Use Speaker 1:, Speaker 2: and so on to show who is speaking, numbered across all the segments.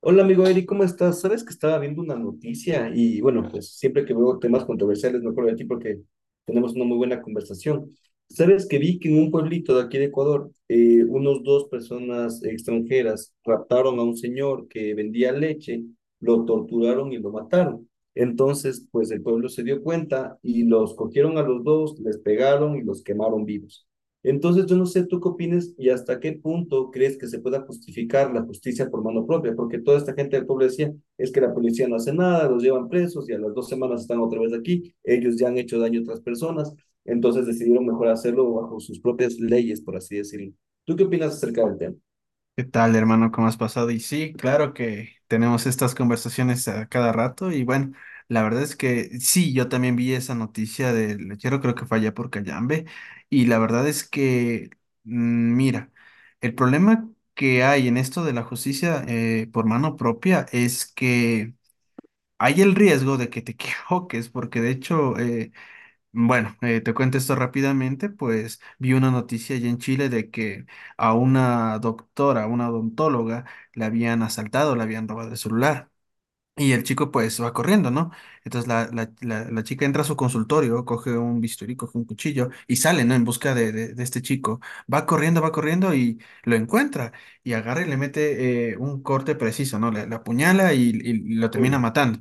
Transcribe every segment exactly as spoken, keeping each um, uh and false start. Speaker 1: Hola amigo Eric, ¿cómo estás? Sabes que estaba viendo una noticia y bueno, pues siempre que veo temas controversiales me acuerdo de ti porque tenemos una muy buena conversación. Sabes que vi que en un pueblito de aquí de Ecuador, eh, unos dos personas extranjeras raptaron a un señor que vendía leche, lo torturaron y lo mataron. Entonces, pues el pueblo se dio cuenta y los cogieron a los dos, les pegaron y los quemaron vivos. Entonces, yo no sé tú qué opinas y hasta qué punto crees que se pueda justificar la justicia por mano propia, porque toda esta gente del pueblo decía, es que la policía no hace nada, los llevan presos y a las dos semanas están otra vez aquí, ellos ya han hecho daño a otras personas, entonces decidieron mejor hacerlo bajo sus propias leyes, por así decirlo. ¿Tú qué opinas acerca del tema?
Speaker 2: ¿Qué tal, hermano? ¿Cómo has pasado? Y sí, claro que tenemos estas conversaciones a cada rato y bueno, la verdad es que sí, yo también vi esa noticia del lechero, creo que fue allá por Cayambe y la verdad es que, mm, mira, el problema que hay en esto de la justicia eh, por mano propia es que hay el riesgo de que te equivoques, porque de hecho eh, bueno, eh, te cuento esto rápidamente, pues vi una noticia allá en Chile de que a una doctora, a una odontóloga, la habían asaltado, la habían robado el celular. Y el chico pues va corriendo, ¿no? Entonces la, la, la, la chica entra a su consultorio, coge un bisturí, coge un cuchillo y sale, ¿no? En busca de, de, de este chico. Va corriendo, va corriendo y lo encuentra y agarra y le mete eh, un corte preciso, ¿no? Le, le apuñala y, y lo termina
Speaker 1: Uy,
Speaker 2: matando.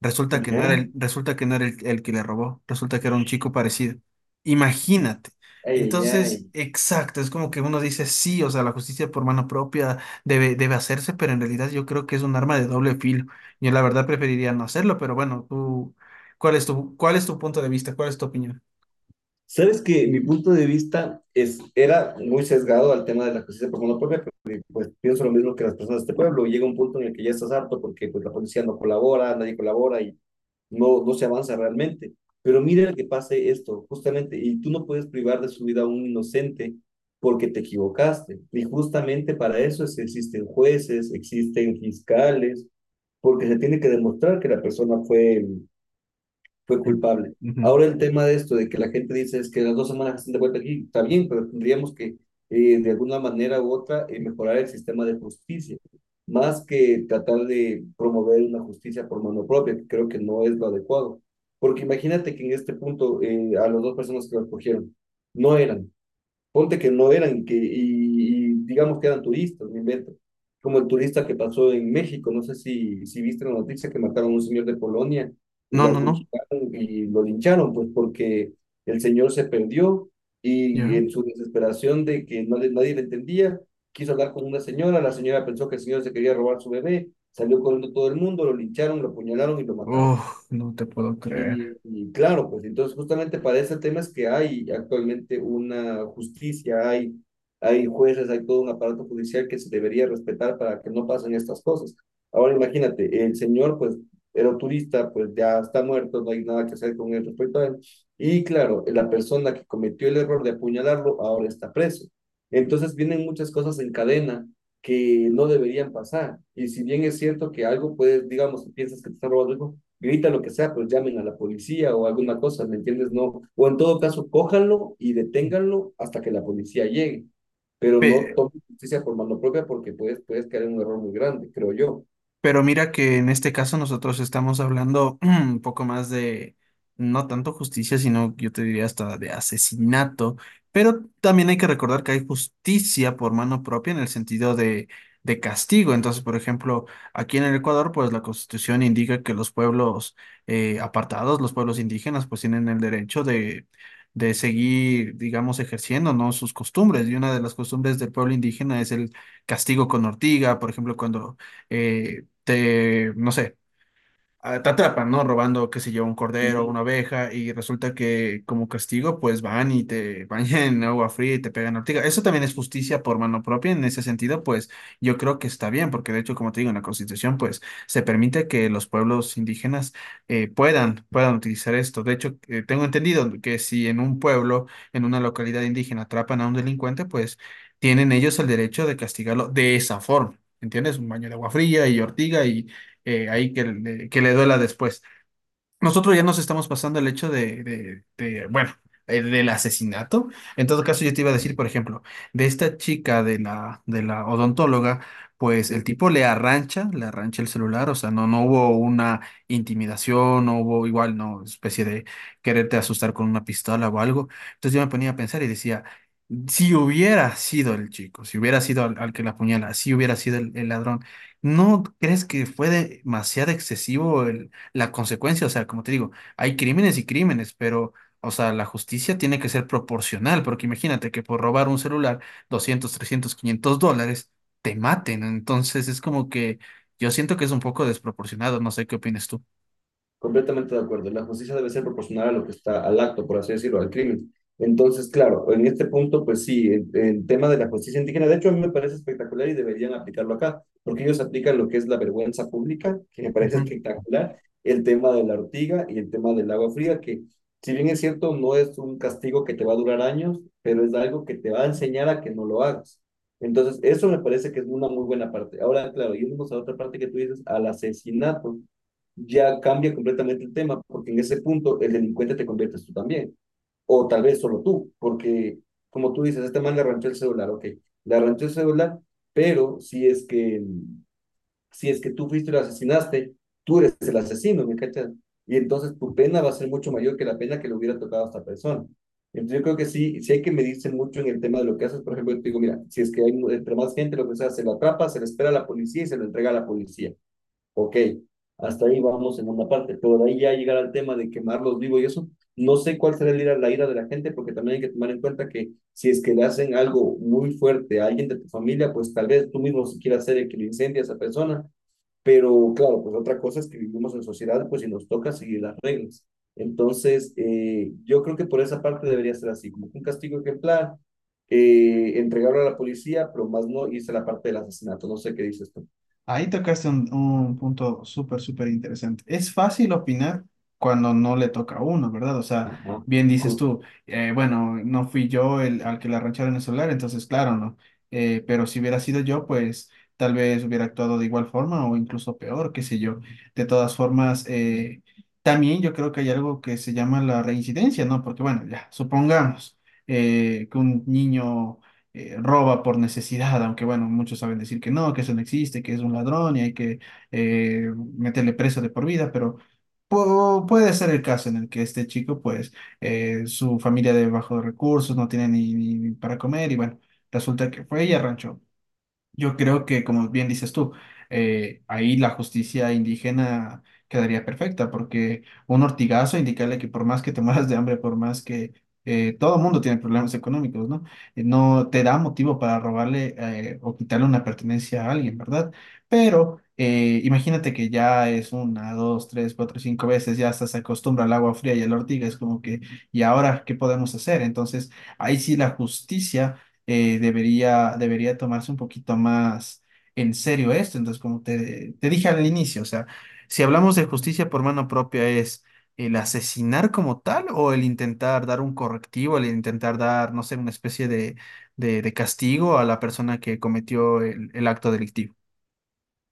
Speaker 2: Resulta que no era
Speaker 1: ya.
Speaker 2: el, resulta que no era el, el que le robó, resulta que era un chico parecido. Imagínate.
Speaker 1: Ay, ay,
Speaker 2: Entonces,
Speaker 1: ay.
Speaker 2: exacto, es como que uno dice, sí, o sea, la justicia por mano propia debe, debe hacerse, pero en realidad yo creo que es un arma de doble filo. Yo la verdad preferiría no hacerlo, pero bueno, tú, ¿cuál es tu, cuál es tu punto de vista? ¿Cuál es tu opinión?
Speaker 1: Sabes que mi punto de vista es, era muy sesgado al tema de la justicia por monopolio, porque pues pienso lo mismo que las personas de este pueblo. Llega un punto en el que ya estás harto porque pues la policía no colabora, nadie colabora y no, no se avanza realmente. Pero mira que pase esto, justamente, y tú no puedes privar de su vida a un inocente porque te equivocaste. Y justamente para eso es que existen jueces, existen fiscales, porque se tiene que demostrar que la persona fue fue
Speaker 2: Mm.
Speaker 1: culpable.
Speaker 2: Ujú.
Speaker 1: Ahora el tema de esto, de que la gente dice es que las dos semanas están de vuelta aquí, está bien, pero tendríamos que eh, de alguna manera u otra eh, mejorar el sistema de justicia, más que tratar de promover una justicia por mano propia, que creo que no es lo adecuado. Porque imagínate que en este punto eh, a las dos personas que lo cogieron no eran, ponte que no eran, que, y, y digamos que eran turistas, me invento. Como el turista que pasó en México, no sé si, si viste la noticia que mataron a un señor de Polonia,
Speaker 2: No,
Speaker 1: lo
Speaker 2: no, no.
Speaker 1: acuchillaron y lo lincharon, pues porque el señor se perdió y
Speaker 2: Ya.
Speaker 1: en su desesperación de que no le- nadie le entendía, quiso hablar con una señora, la señora pensó que el señor se quería robar su bebé, salió corriendo todo el mundo, lo lincharon, lo apuñalaron y lo mataron.
Speaker 2: Oh, no te puedo
Speaker 1: Y,
Speaker 2: creer.
Speaker 1: y claro, pues entonces justamente para ese tema es que hay actualmente una justicia, hay, hay jueces, hay todo un aparato judicial que se debería respetar para que no pasen estas cosas. Ahora imagínate, el señor pues era turista, pues ya está muerto, no hay nada que hacer con él respecto a él. Y claro, la persona que cometió el error de apuñalarlo ahora está preso. Entonces vienen muchas cosas en cadena que no deberían pasar. Y si bien es cierto que algo puedes, digamos, si piensas que te están robando algo, grita lo que sea, pues llamen a la policía o alguna cosa, ¿me entiendes? No, o en todo caso, cójanlo y deténganlo hasta que la policía llegue, pero no
Speaker 2: Pe-
Speaker 1: tomen justicia por mano propia porque puedes, puedes caer en un error muy grande, creo yo.
Speaker 2: Pero mira que en este caso nosotros estamos hablando un poco más de, no tanto justicia, sino yo te diría hasta de asesinato, pero también hay que recordar que hay justicia por mano propia en el sentido de, de castigo. Entonces, por ejemplo, aquí en el Ecuador, pues la Constitución indica que los pueblos eh, apartados, los pueblos indígenas, pues tienen el derecho de... de seguir, digamos, ejerciendo, ¿no? sus costumbres. Y una de las costumbres del pueblo indígena es el castigo con ortiga, por ejemplo, cuando eh, te, no sé, a- te atrapan, ¿no? Robando, qué sé yo, un cordero,
Speaker 1: Ujú,
Speaker 2: una oveja, y resulta que como castigo, pues van y te bañan en agua fría y te pegan ortiga. Eso también es justicia por mano propia, en ese sentido, pues yo creo que está bien, porque de hecho, como te digo, en la Constitución, pues se permite que los pueblos indígenas eh, puedan, puedan utilizar esto. De hecho, eh, tengo entendido que si en un pueblo, en una localidad indígena, atrapan a un delincuente, pues tienen ellos el derecho de castigarlo de esa forma. ¿Entiendes? Un baño de agua fría y ortiga y, eh, ahí que, que le duela después. Nosotros ya nos estamos pasando el hecho de, de- de, bueno, eh, del asesinato. En todo caso, yo te iba a decir, por ejemplo, de esta chica de la, de la odontóloga, pues el
Speaker 1: ujú.
Speaker 2: tipo le arrancha, le arrancha el celular, o sea, no, no hubo una intimidación, no hubo igual, no, especie de quererte asustar con una pistola o algo. Entonces yo me ponía a pensar y decía, si hubiera sido el chico, si hubiera sido al, al que la apuñala, si hubiera sido el, el ladrón, ¿no crees que fue demasiado excesivo la consecuencia, o sea, como te digo, hay crímenes y crímenes, pero, o sea, la justicia tiene que ser proporcional, porque imagínate que por robar un celular, doscientos trescientos quinientos dólares, te maten? Entonces es como que yo siento que es un poco desproporcionado, no sé qué opinas tú.
Speaker 1: Completamente de acuerdo. La justicia debe ser proporcional a lo que está al acto, por así decirlo, al crimen. Entonces, claro, en este punto, pues sí, el, el tema de la justicia indígena, de hecho, a mí me parece espectacular y deberían aplicarlo acá, porque ellos aplican lo que es la vergüenza pública, que me parece espectacular, el tema de la ortiga y el tema del agua fría, que si bien es cierto, no es un castigo que te va a durar años, pero es algo que te va a enseñar a que no lo hagas. Entonces, eso me parece que es una muy buena parte. Ahora, claro, irnos a otra parte que tú dices, al asesinato ya cambia completamente el tema, porque en ese punto el delincuente te conviertes tú también, o tal vez solo tú, porque como tú dices, este man le arranchó el celular, ok, le arranchó el celular, pero si es que, si es que tú fuiste y lo asesinaste, tú eres el asesino, ¿me cachas? Y entonces tu pena va a ser mucho mayor que la pena que le hubiera tocado a esta persona. Entonces yo creo que sí, sí hay que medirse mucho en el tema de lo que haces. Por ejemplo, yo te digo, mira, si es que hay entre más gente, lo que sea, se lo atrapa, se le espera a la policía y se lo entrega a la policía. Ok, hasta ahí vamos en una parte, pero de ahí ya llegar al tema de quemarlos vivos y eso, no sé cuál será el ira- la ira de la gente, porque también hay que tomar en cuenta que si es que le hacen algo muy fuerte a alguien de tu familia, pues tal vez tú mismo si quieras ser el que le incendia a esa persona, pero claro, pues otra cosa es que vivimos en sociedad, pues y nos toca seguir las reglas. Entonces, eh, yo creo que por esa parte debería ser así, como que un castigo ejemplar, eh, entregarlo a la policía, pero más no irse a la parte del asesinato, no sé qué dices tú.
Speaker 2: Ahí tocaste un, un punto súper, súper interesante. Es fácil opinar cuando no le toca a uno, ¿verdad? O sea,
Speaker 1: Ajá,
Speaker 2: bien dices
Speaker 1: justo.
Speaker 2: tú, eh, bueno, no fui yo el al que la arrancharon el celular, entonces claro, no. Eh, pero si hubiera sido yo, pues tal vez hubiera actuado de igual forma o incluso peor, qué sé yo. De todas formas, eh, también yo creo que hay algo que se llama la reincidencia, ¿no? Porque bueno, ya, supongamos eh, que un niño eh, roba por necesidad, aunque bueno, muchos saben decir que no, que eso no existe, que es un ladrón y hay que eh, meterle preso de por vida, pero pu- puede ser el caso en el que este chico, pues, eh, su familia de bajos recursos no tiene ni, ni para comer y bueno, resulta que fue y arranchó. Yo creo que, como bien dices tú, eh, ahí la justicia indígena quedaría perfecta, porque un ortigazo indicarle que por más que te mueras de hambre, por más que eh, todo mundo tiene problemas económicos, ¿no? Eh, No te da motivo para robarle eh, o quitarle una pertenencia a alguien, ¿verdad? Pero eh, imagínate que ya es una, dos, tres, cuatro, cinco veces, ya hasta se acostumbra al agua fría y a la ortiga, es como que, ¿y ahora qué podemos hacer? Entonces, ahí sí la justicia eh, debería, debería tomarse un poquito más en serio esto. Entonces, como te, te dije al inicio, o sea, si hablamos de justicia por mano propia, ¿es el asesinar como tal o el intentar dar un correctivo, el intentar dar, no sé, una especie de, de, de castigo a la persona que cometió el el acto delictivo?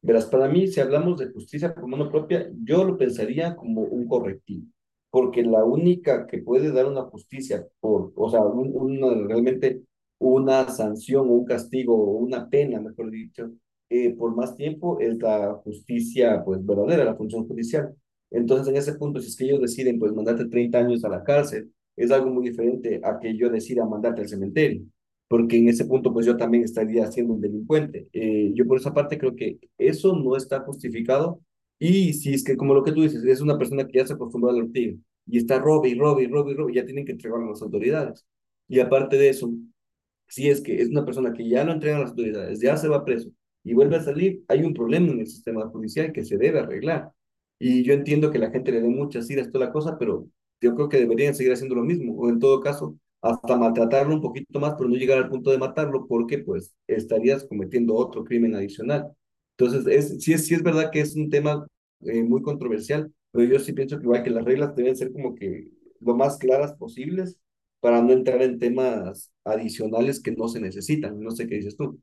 Speaker 1: Verás, para mí, si hablamos de justicia por mano propia, yo lo pensaría como un correctivo, porque la única que puede dar una justicia por, o sea, un- una- realmente una sanción o un castigo o una pena, mejor dicho, eh, por más tiempo es la justicia, pues, verdadera, la función judicial. Entonces, en ese punto, si es que ellos deciden, pues, mandarte treinta años a la cárcel, es algo muy diferente a que yo decida mandarte al cementerio porque en ese punto pues yo también estaría siendo un delincuente. Eh, yo por esa parte creo que eso no está justificado y si es que como lo que tú dices, es una persona que ya se acostumbró a la ortiga y está robe y robe y robe y robe, ya tienen que entregarlo a las autoridades. Y aparte de eso, si es que es una persona que ya lo entregan las autoridades, ya se va preso y vuelve a salir, hay un problema en el sistema judicial que se debe arreglar. Y yo entiendo que la gente le dé muchas iras toda la cosa, pero yo creo que deberían seguir haciendo lo mismo, o en todo caso, hasta maltratarlo un poquito más, pero no llegar al punto de matarlo, porque pues estarías cometiendo otro crimen adicional. Entonces, es, sí, es, sí es verdad que es un tema eh, muy controversial, pero yo sí pienso que igual que las reglas deben ser como que lo más claras posibles para no entrar en temas adicionales que no se necesitan. No sé qué dices tú.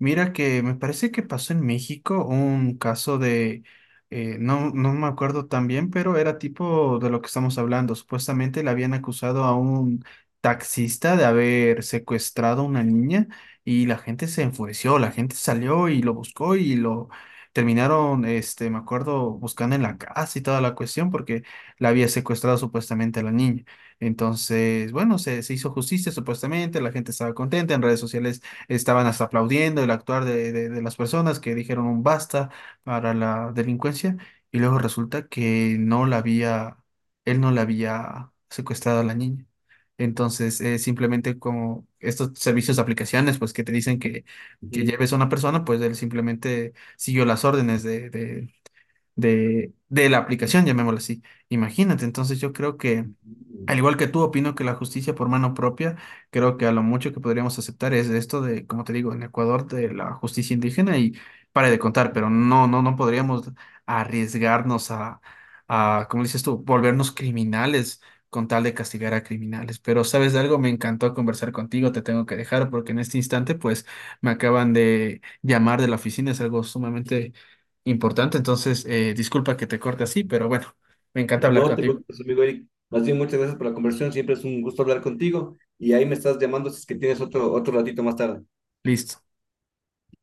Speaker 2: Mira que me parece que pasó en México un caso de, eh, no, no me acuerdo tan bien, pero era tipo de lo que estamos hablando. Supuestamente le habían acusado a un taxista de haber secuestrado a una niña y la gente se enfureció, la gente salió y lo buscó y lo terminaron, este, me acuerdo, buscando en la casa y toda la cuestión porque la había secuestrado supuestamente a la niña. Entonces, bueno, se, se hizo justicia supuestamente, la gente estaba contenta, en redes sociales estaban hasta aplaudiendo el actuar de, de- de las personas que dijeron un basta para la delincuencia y luego resulta que no la había, él no la había secuestrado a la niña. Entonces, eh, simplemente como estos servicios de aplicaciones, pues que te dicen que, que
Speaker 1: Ujú.
Speaker 2: lleves a una persona, pues él simplemente siguió las órdenes de, de, de, de la aplicación, llamémoslo así. Imagínate, entonces yo creo que al igual que tú, opino que la justicia por mano propia, creo que a lo mucho que podríamos aceptar es esto de, como te digo, en Ecuador de la justicia indígena y para de contar, pero no, no, no podríamos arriesgarnos a, a, como dices tú, volvernos criminales con tal de castigar a criminales. Pero, ¿sabes de algo? Me encantó conversar contigo, te tengo que dejar porque en este instante, pues, me acaban de llamar de la oficina, es algo sumamente importante, entonces, eh, disculpa que te corte así, pero bueno, me encanta hablar
Speaker 1: No te
Speaker 2: contigo.
Speaker 1: preocupes, amigo Eric. Más bien, muchas gracias por la conversación. Siempre es un gusto hablar contigo. Y ahí me estás llamando si es que tienes otro, otro ratito más tarde.
Speaker 2: Listo.